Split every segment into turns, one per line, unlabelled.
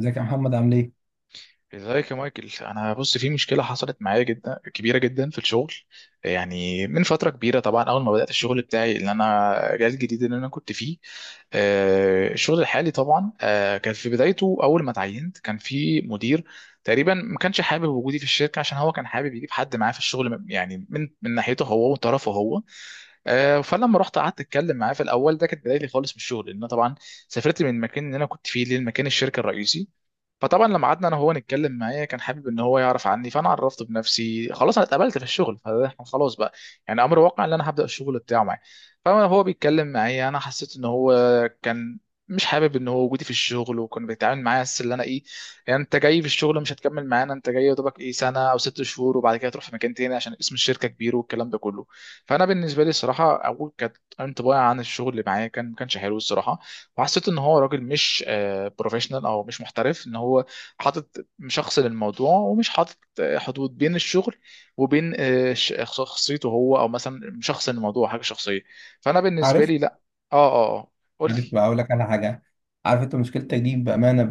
ازيك يا محمد عامل ايه؟
ازيك يا مايكل. انا بص، في مشكله حصلت معايا جدا كبيره جدا في الشغل. يعني من فتره كبيره طبعا، اول ما بدات الشغل بتاعي اللي انا جال جديد اللي انا كنت فيه. الشغل الحالي طبعا، كان في بدايته اول ما اتعينت كان في مدير تقريبا ما كانش حابب وجودي في الشركه، عشان هو كان حابب يجيب حد معاه في الشغل، يعني من ناحيته هو وطرفه هو. فلما رحت قعدت اتكلم معاه في الاول، ده كانت بدايتي خالص من الشغل، لان أنا طبعا سافرت من المكان اللي انا كنت فيه للمكان الشركه الرئيسي. فطبعا لما قعدنا انا وهو نتكلم، معايا كان حابب ان هو يعرف عني، فانا عرفته بنفسي. خلاص انا اتقبلت في الشغل، فاحنا خلاص بقى، يعني امر واقع ان انا هبدا الشغل بتاعه معاه. فانا هو بيتكلم معايا، انا حسيت ان هو كان مش حابب ان هو وجودي في الشغل، وكان بيتعامل معايا بس اللي انا ايه، يعني انت جاي في الشغل مش هتكمل معانا، انت جاي يا دوبك ايه سنه او 6 شهور، وبعد كده تروح في مكان تاني عشان اسم الشركه كبير، والكلام ده كله. فانا بالنسبه لي الصراحه، اول كانت انطباعي عن الشغل اللي معايا كان ما كانش حلو الصراحه. وحسيت ان هو راجل مش بروفيشنال، او مش محترف، ان هو حاطط شخص للموضوع، ومش حاطط حدود بين الشغل وبين شخصيته هو، او مثلا شخص للموضوع حاجه شخصيه. فانا بالنسبه
عارف؟
لي لا. اه، اه، آه.
عارف
قلت،
بقى اقول لك على حاجه. عارف انت مشكلتك دي بامانه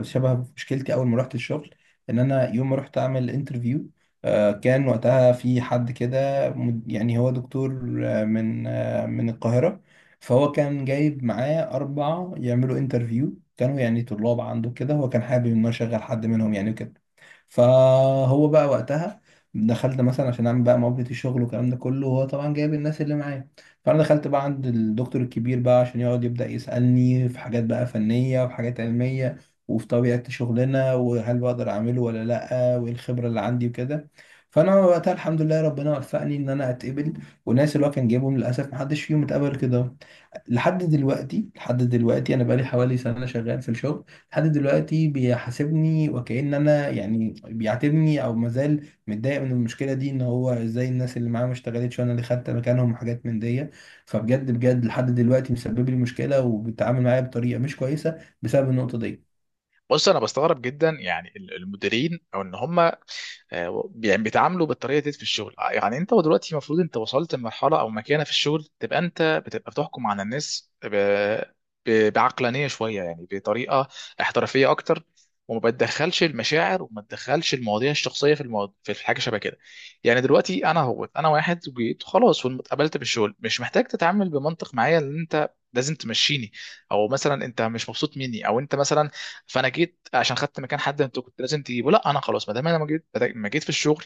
شبه مشكلتي اول ما رحت الشغل، ان انا يوم ما رحت اعمل انترفيو كان وقتها في حد كده يعني هو دكتور من القاهره. فهو كان جايب معاه اربعه يعملوا انترفيو، كانوا يعني طلاب عنده كده، هو كان حابب ان هو يشغل حد منهم يعني كده. فهو بقى وقتها دخلت مثلا عشان اعمل بقى مقابله الشغل والكلام ده كله، وهو طبعا جايب الناس اللي معاه. فانا دخلت بقى عند الدكتور الكبير بقى عشان يقعد يبدا يسالني في حاجات بقى فنيه وفي حاجات علميه وفي طبيعه شغلنا، وهل بقدر اعمله ولا لا، وايه الخبره اللي عندي وكده. فانا وقتها الحمد لله ربنا وفقني ان انا اتقبل، والناس اللي هو كان جايبهم للاسف محدش فيهم اتقبل كده. لحد دلوقتي انا بقالي حوالي سنه شغال في الشغل، لحد دلوقتي بيحاسبني وكأن انا يعني بيعاتبني او مازال متضايق من المشكله دي، ان هو ازاي الناس اللي معاه ما اشتغلتش وانا اللي خدت مكانهم وحاجات من دي. فبجد بجد لحد دلوقتي مسبب لي مشكله وبيتعامل معايا بطريقه مش كويسه بسبب النقطه دي.
بص انا بستغرب جدا يعني المديرين او ان هم يعني بيتعاملوا بالطريقه دي في الشغل. يعني انت دلوقتي المفروض، انت وصلت لمرحله او مكانه في الشغل، تبقى انت بتبقى بتحكم على الناس بعقلانيه شويه، يعني بطريقه احترافيه اكتر، وما بتدخلش المشاعر، وما تدخلش المواضيع الشخصيه في المواضيع في حاجه شبه كده. يعني دلوقتي انا، هو انا واحد جيت خلاص واتقبلت بالشغل، مش محتاج تتعامل بمنطق معايا ان انت لازم تمشيني، او مثلا انت مش مبسوط مني، او انت مثلا، فانا جيت عشان خدت مكان حد انت كنت لازم تجيبه. لا، انا خلاص، ما دام انا ما جيت، ما جيت في الشغل،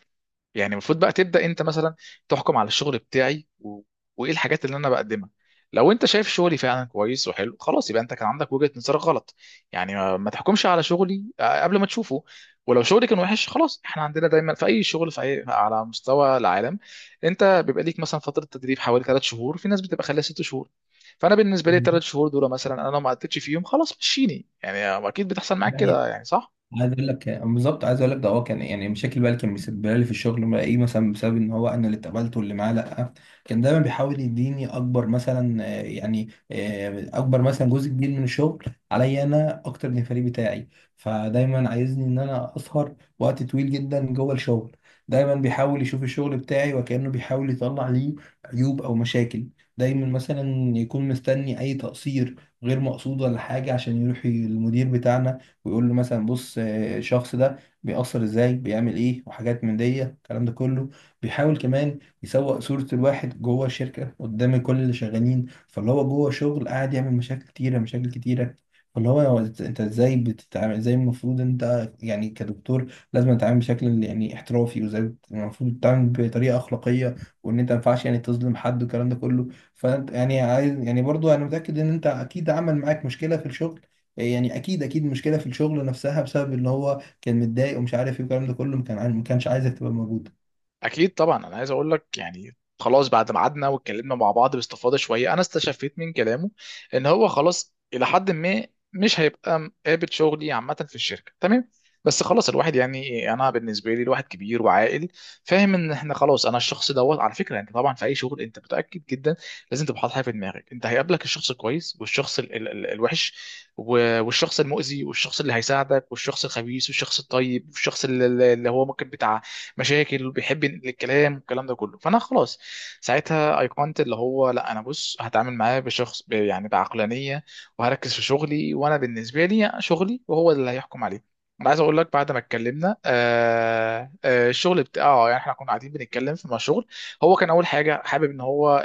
يعني المفروض بقى تبدأ انت مثلا تحكم على الشغل بتاعي وايه الحاجات اللي انا بقدمها. لو انت شايف شغلي فعلا كويس وحلو، خلاص يبقى انت كان عندك وجهة نظر غلط. يعني ما تحكمش على شغلي قبل ما تشوفه. ولو شغلي كان وحش، خلاص احنا عندنا دايما في اي شغل، على مستوى العالم، انت بيبقى ليك مثلا فترة تدريب حوالي 3 شهور، في ناس بتبقى خلال 6 شهور. فانا بالنسبه لي الثلاث
مم.
شهور دول مثلا، انا لو ما قدتش فيهم خلاص مشيني. يعني اكيد بتحصل معاك
يعني
كده يعني، صح؟
عايز اقول لك بالظبط، عايز اقول لك، ده هو كان يعني مشاكل بقى اللي كان مسببها لي في الشغل ما ايه مثلا بسبب ان هو انا اللي اتقبلت واللي معاه، لا. كان دايما بيحاول يديني اكبر مثلا اكبر مثلا جزء كبير من الشغل عليا انا اكتر من الفريق بتاعي. فدايما عايزني ان انا اسهر وقت طويل جدا جوه الشغل. دايما بيحاول يشوف الشغل بتاعي وكأنه بيحاول يطلع ليه عيوب او مشاكل. دايما مثلا يكون مستني اي تقصير غير مقصود ولا حاجة عشان يروح المدير بتاعنا ويقول له مثلا بص الشخص ده بيأثر ازاي، بيعمل ايه، وحاجات من دي الكلام ده كله. بيحاول كمان يسوق صورة الواحد جوه الشركة قدام كل اللي شغالين، فاللي هو جوه شغل قاعد يعمل مشاكل كتيرة مشاكل كتيرة. فاللي هو انت ازاي بتتعامل، ازاي المفروض انت يعني كدكتور لازم تتعامل بشكل يعني احترافي، وازاي المفروض تتعامل بطريقة أخلاقية، وان انت ما ينفعش يعني تظلم حد والكلام ده كله. فانت يعني عايز يعني برضو انا متأكد ان انت اكيد عمل معاك مشكلة في الشغل، يعني اكيد اكيد مشكله في الشغل نفسها بسبب ان هو كان متضايق ومش عارف ايه والكلام ده كله، ما كانش عايزك تبقى موجوده.
اكيد طبعا. انا عايز اقول لك يعني، خلاص بعد ما قعدنا واتكلمنا مع بعض باستفاضه شويه، انا استشفيت من كلامه ان هو خلاص الى حد ما مش هيبقى قابل شغلي عامه في الشركه. تمام، بس خلاص الواحد يعني، انا بالنسبه لي الواحد كبير وعاقل، فاهم ان احنا خلاص. انا الشخص دوت على فكره، انت طبعا في اي شغل انت متاكد جدا لازم تبقى حاطط حاجه في دماغك، انت هيقابلك الشخص الكويس والشخص ال الوحش، والشخص المؤذي، والشخص اللي هيساعدك، والشخص الخبيث، والشخص الطيب، والشخص اللي اللي هو ممكن بتاع مشاكل بيحب ينقل الكلام، والكلام ده كله. فانا خلاص ساعتها ايقنت اللي هو لا، انا بص هتعامل معاه بشخص يعني بعقلانيه، وهركز في شغلي، وانا بالنسبه لي شغلي وهو اللي هيحكم عليه. انا عايز اقول لك، بعد ما اتكلمنا الشغل بتاعه، يعني احنا كنا قاعدين بنتكلم في مشروع. هو كان اول حاجه حابب ان هو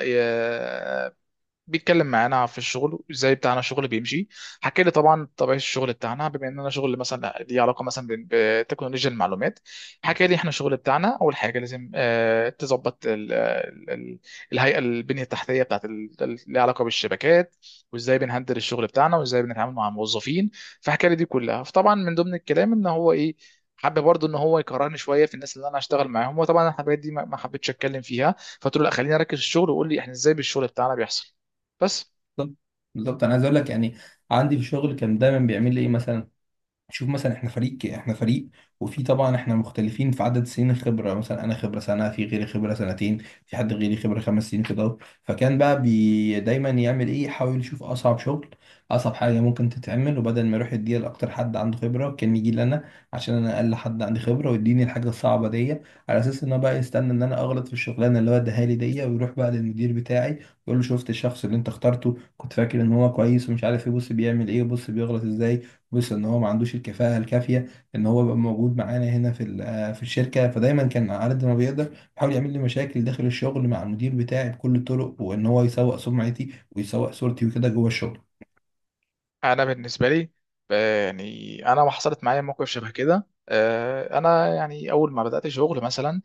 بيتكلم معانا في الشغل وازاي بتاعنا الشغل بيمشي. حكى لي طبعا طبيعه الشغل بتاعنا، بما ان انا شغل مثلا ليه علاقه مثلا بتكنولوجيا المعلومات. حكى لي احنا الشغل بتاعنا اول حاجه لازم تظبط الهيئه، البنيه التحتيه بتاعت ليها علاقه بالشبكات، وازاي بنهندل الشغل بتاعنا، وازاي بنتعامل مع الموظفين. فحكى لي دي كلها، فطبعا من ضمن الكلام ان هو ايه، حابب برضه ان هو يكرهني شويه في الناس اللي انا هشتغل معاهم. وطبعا الحاجات دي ما حبيتش اتكلم فيها، فقلت له لا، خليني اركز في الشغل، وقول لي احنا ازاي بالشغل بتاعنا بيحصل بس.
بالظبط. بالظبط انا عايز اقول لك يعني عندي في الشغل كان دايما بيعمل لي ايه مثلا. شوف مثلا، احنا فريق احنا فريق، وفي طبعا احنا مختلفين في عدد سنين الخبره، مثلا انا خبره سنه، في غيري خبره سنتين، في حد غيري خبره 5 سنين كده. فكان بقى بي دايما يعمل ايه يحاول يشوف اصعب شغل، اصعب حاجه ممكن تتعمل، وبدل ما يروح يديها لاكتر حد عنده خبره كان يجي لنا عشان انا اقل حد عندي خبره ويديني الحاجه الصعبه دي. على اساس ان هو بقى يستنى ان انا اغلط في الشغلانه اللي هو اداها لي دي ويروح بقى للمدير بتاعي ويقول له شفت الشخص اللي انت اخترته كنت فاكر ان هو كويس ومش عارف ايه، بص بيعمل ايه وبص بيغلط ازاي، وصل ان هو ما عندوش الكفاءه الكافيه ان هو يبقى موجود معانا هنا في في الشركه. فدايما كان على قد ما بيقدر بيحاول يعمل لي مشاكل داخل الشغل مع المدير بتاعي بكل الطرق، وان هو يسوق سمعتي ويسوق صورتي وكده جوه الشغل.
انا بالنسبه لي، يعني انا ما حصلت معايا موقف شبه كده. انا يعني اول ما بدات شغل مثلا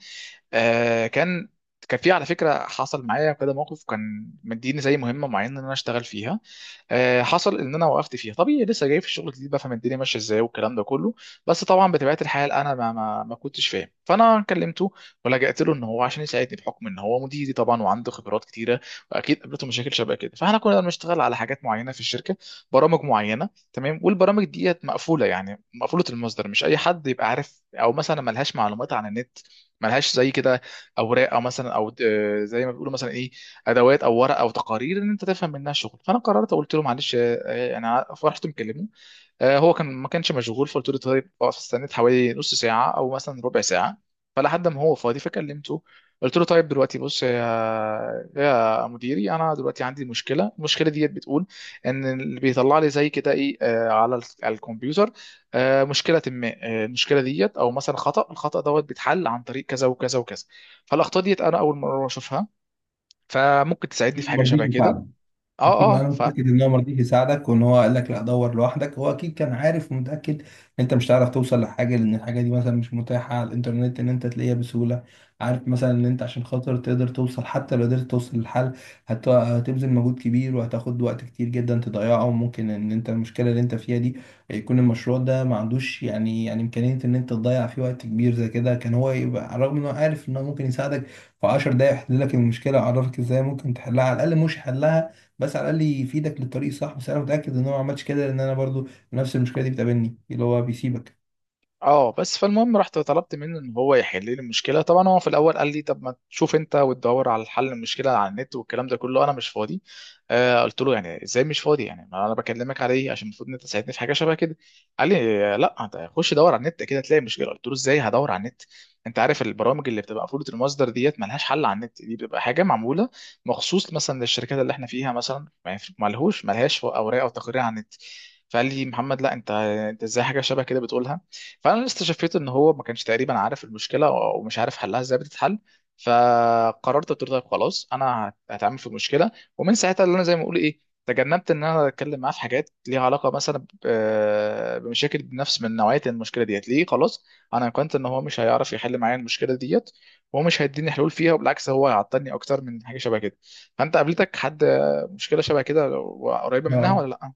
آه كان كان في على فكره، حصل معايا كده موقف، كان مديني زي مهمه معينه ان انا اشتغل فيها. حصل ان انا وقفت فيها طبيعي، لسه جاي في الشغل الجديد، بفهم الدنيا ماشيه ازاي، والكلام ده كله. بس طبعا بطبيعه الحال انا ما كنتش فاهم، فانا كلمته ولجأت له ان هو عشان يساعدني، بحكم ان هو مديري طبعا، وعنده خبرات كتيره، واكيد قابلته مشاكل شبه كده. فاحنا كنا بنشتغل على حاجات معينه في الشركه، برامج معينه، تمام. والبرامج ديت مقفوله، يعني مقفوله المصدر، مش اي حد يبقى عارف، او مثلا ملهاش معلومات عن النت، ملهاش زي كده اوراق، او مثلا، او زي ما بيقولوا مثلا ايه، ادوات او ورق او تقارير ان انت تفهم منها شغل. فانا قررت قلت له معلش، انا فرحت مكلمه، هو كان ما كانش مشغول، فقلت له طيب اقف، استنيت حوالي نص ساعه او مثلا ربع ساعه فلحد ما هو فاضي فكلمته. قلت له طيب دلوقتي بص، يا مديري، انا دلوقتي عندي مشكله، المشكله ديت بتقول ان اللي بيطلع لي زي كده ايه، على على الكمبيوتر مشكله ما. المشكله ديت، او مثلا الخطا دوت بيتحل عن طريق كذا وكذا وكذا، فالاخطاء ديت انا اول مره اشوفها، فممكن تساعدني في
ما
حاجه
رضيش
شبه كده؟
يساعده؟ اكيد،
اه،
ما
اه،
انا متاكد ان هو ما رضيش يساعدك، وان هو قال لك لا دور لوحدك. هو اكيد كان عارف ومتاكد ان انت مش هتعرف توصل لحاجه لان الحاجه دي مثلا مش متاحه على الانترنت ان انت تلاقيها بسهوله. عارف مثلا ان انت عشان خاطر تقدر توصل، حتى لو قدرت توصل للحل هتبذل مجهود كبير وهتاخد وقت كتير جدا تضيعه، وممكن ان انت المشكله اللي انت فيها دي يكون المشروع ده ما عندوش يعني امكانيه ان انت تضيع فيه وقت كبير زي كده. كان هو يبقى على الرغم ان هو عارف ان هو ممكن يساعدك في 10 دقايق يحل لك المشكله ويعرفك ازاي ممكن تحلها على الاقل، مش حلها بس على الاقل يفيدك للطريق الصح. بس انا متاكد ان هو ما عملش كده، لان انا برضو نفس المشكله دي بتقابلني اللي هو بيسيبك.
اه. بس فالمهم رحت طلبت منه ان هو يحل لي المشكله. طبعا هو في الاول قال لي طب ما تشوف انت وتدور على حل المشكله على النت، والكلام ده كله، انا مش فاضي. قلت له يعني ازاي مش فاضي؟ يعني ما انا بكلمك على ايه، عشان المفروض ان انت تساعدني في حاجه شبه كده. قال لي لا، انت خش دور على النت كده تلاقي مشكله. قلت له ازاي هدور على النت؟ انت عارف البرامج اللي بتبقى مفروض، المصدر ديت ملهاش حل على النت، دي بتبقى حاجه معموله مخصوص مثلا للشركات اللي احنا فيها، مثلا ما ينفع- ملهوش، ملهاش اوراق او تقارير على النت. فقال لي محمد، لا انت ازاي حاجه شبه كده بتقولها؟ فانا استشفيت ان هو ما كانش تقريبا عارف المشكله، ومش عارف حلها ازاي بتتحل. فقررت قلت له طيب خلاص، انا هتعمل في المشكله. ومن ساعتها اللي انا زي ما اقول ايه، تجنبت ان انا اتكلم معاه في حاجات ليها علاقه مثلا بمشاكل، بنفس من نوعيه المشكله ديت ليه، خلاص انا كنت ان هو مش هيعرف يحل معايا المشكله ديت، وهو مش هيديني حلول فيها، وبالعكس هو هيعطلني اكتر من حاجه شبه كده. فانت قابلتك حد مشكله شبه كده قريبه منها
اه.
ولا لا؟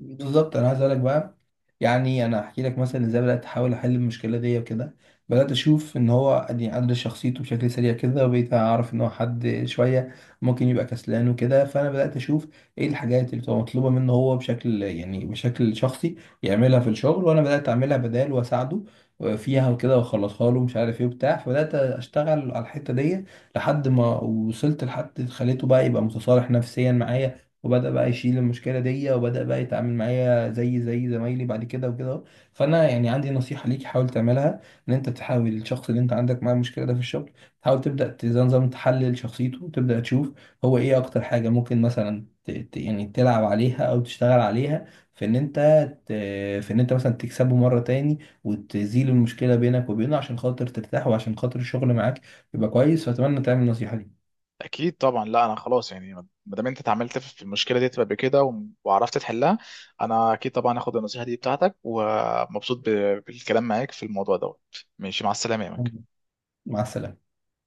بالظبط انا عايز اقولك بقى يعني انا احكي لك مثلا ازاي بدات احاول احل المشكله دي وكده. بدات اشوف ان هو يعني ادرس شخصيته بشكل سريع كده وبقيت اعرف ان هو حد شويه ممكن يبقى كسلان وكده. فانا بدات اشوف ايه الحاجات اللي بتبقى مطلوبه منه هو بشكل يعني بشكل شخصي يعملها في الشغل، وانا بدات اعملها بدال واساعده فيها وكده واخلصها له مش عارف ايه وبتاع. فبدات اشتغل على الحته دي لحد ما وصلت لحد خليته بقى يبقى متصالح نفسيا معايا، وبدأ بقى يشيل المشكلة دي، وبدأ بقى يتعامل معايا زي زمايلي بعد كده وكده. فأنا يعني عندي نصيحة ليك حاول تعملها، إن أنت تحاول الشخص اللي أنت عندك معاه المشكلة ده في الشغل تحاول زي نظام تحلل شخصيته وتبدأ تشوف هو إيه أكتر حاجة ممكن مثلا يعني تلعب عليها أو تشتغل عليها، في إن أنت ت- في إن أنت مثلا تكسبه مرة تاني وتزيل المشكلة بينك وبينه عشان خاطر ترتاح وعشان خاطر الشغل معاك يبقى كويس. فأتمنى تعمل النصيحة دي.
اكيد طبعا. لا انا خلاص يعني، ما دام انت اتعاملت في المشكله دي قبل كده وعرفت تحلها، انا اكيد طبعا هاخد النصيحه دي بتاعتك، ومبسوط بالكلام معاك في الموضوع دوت. ماشي، مع السلامه يا مك.
مع السلامة.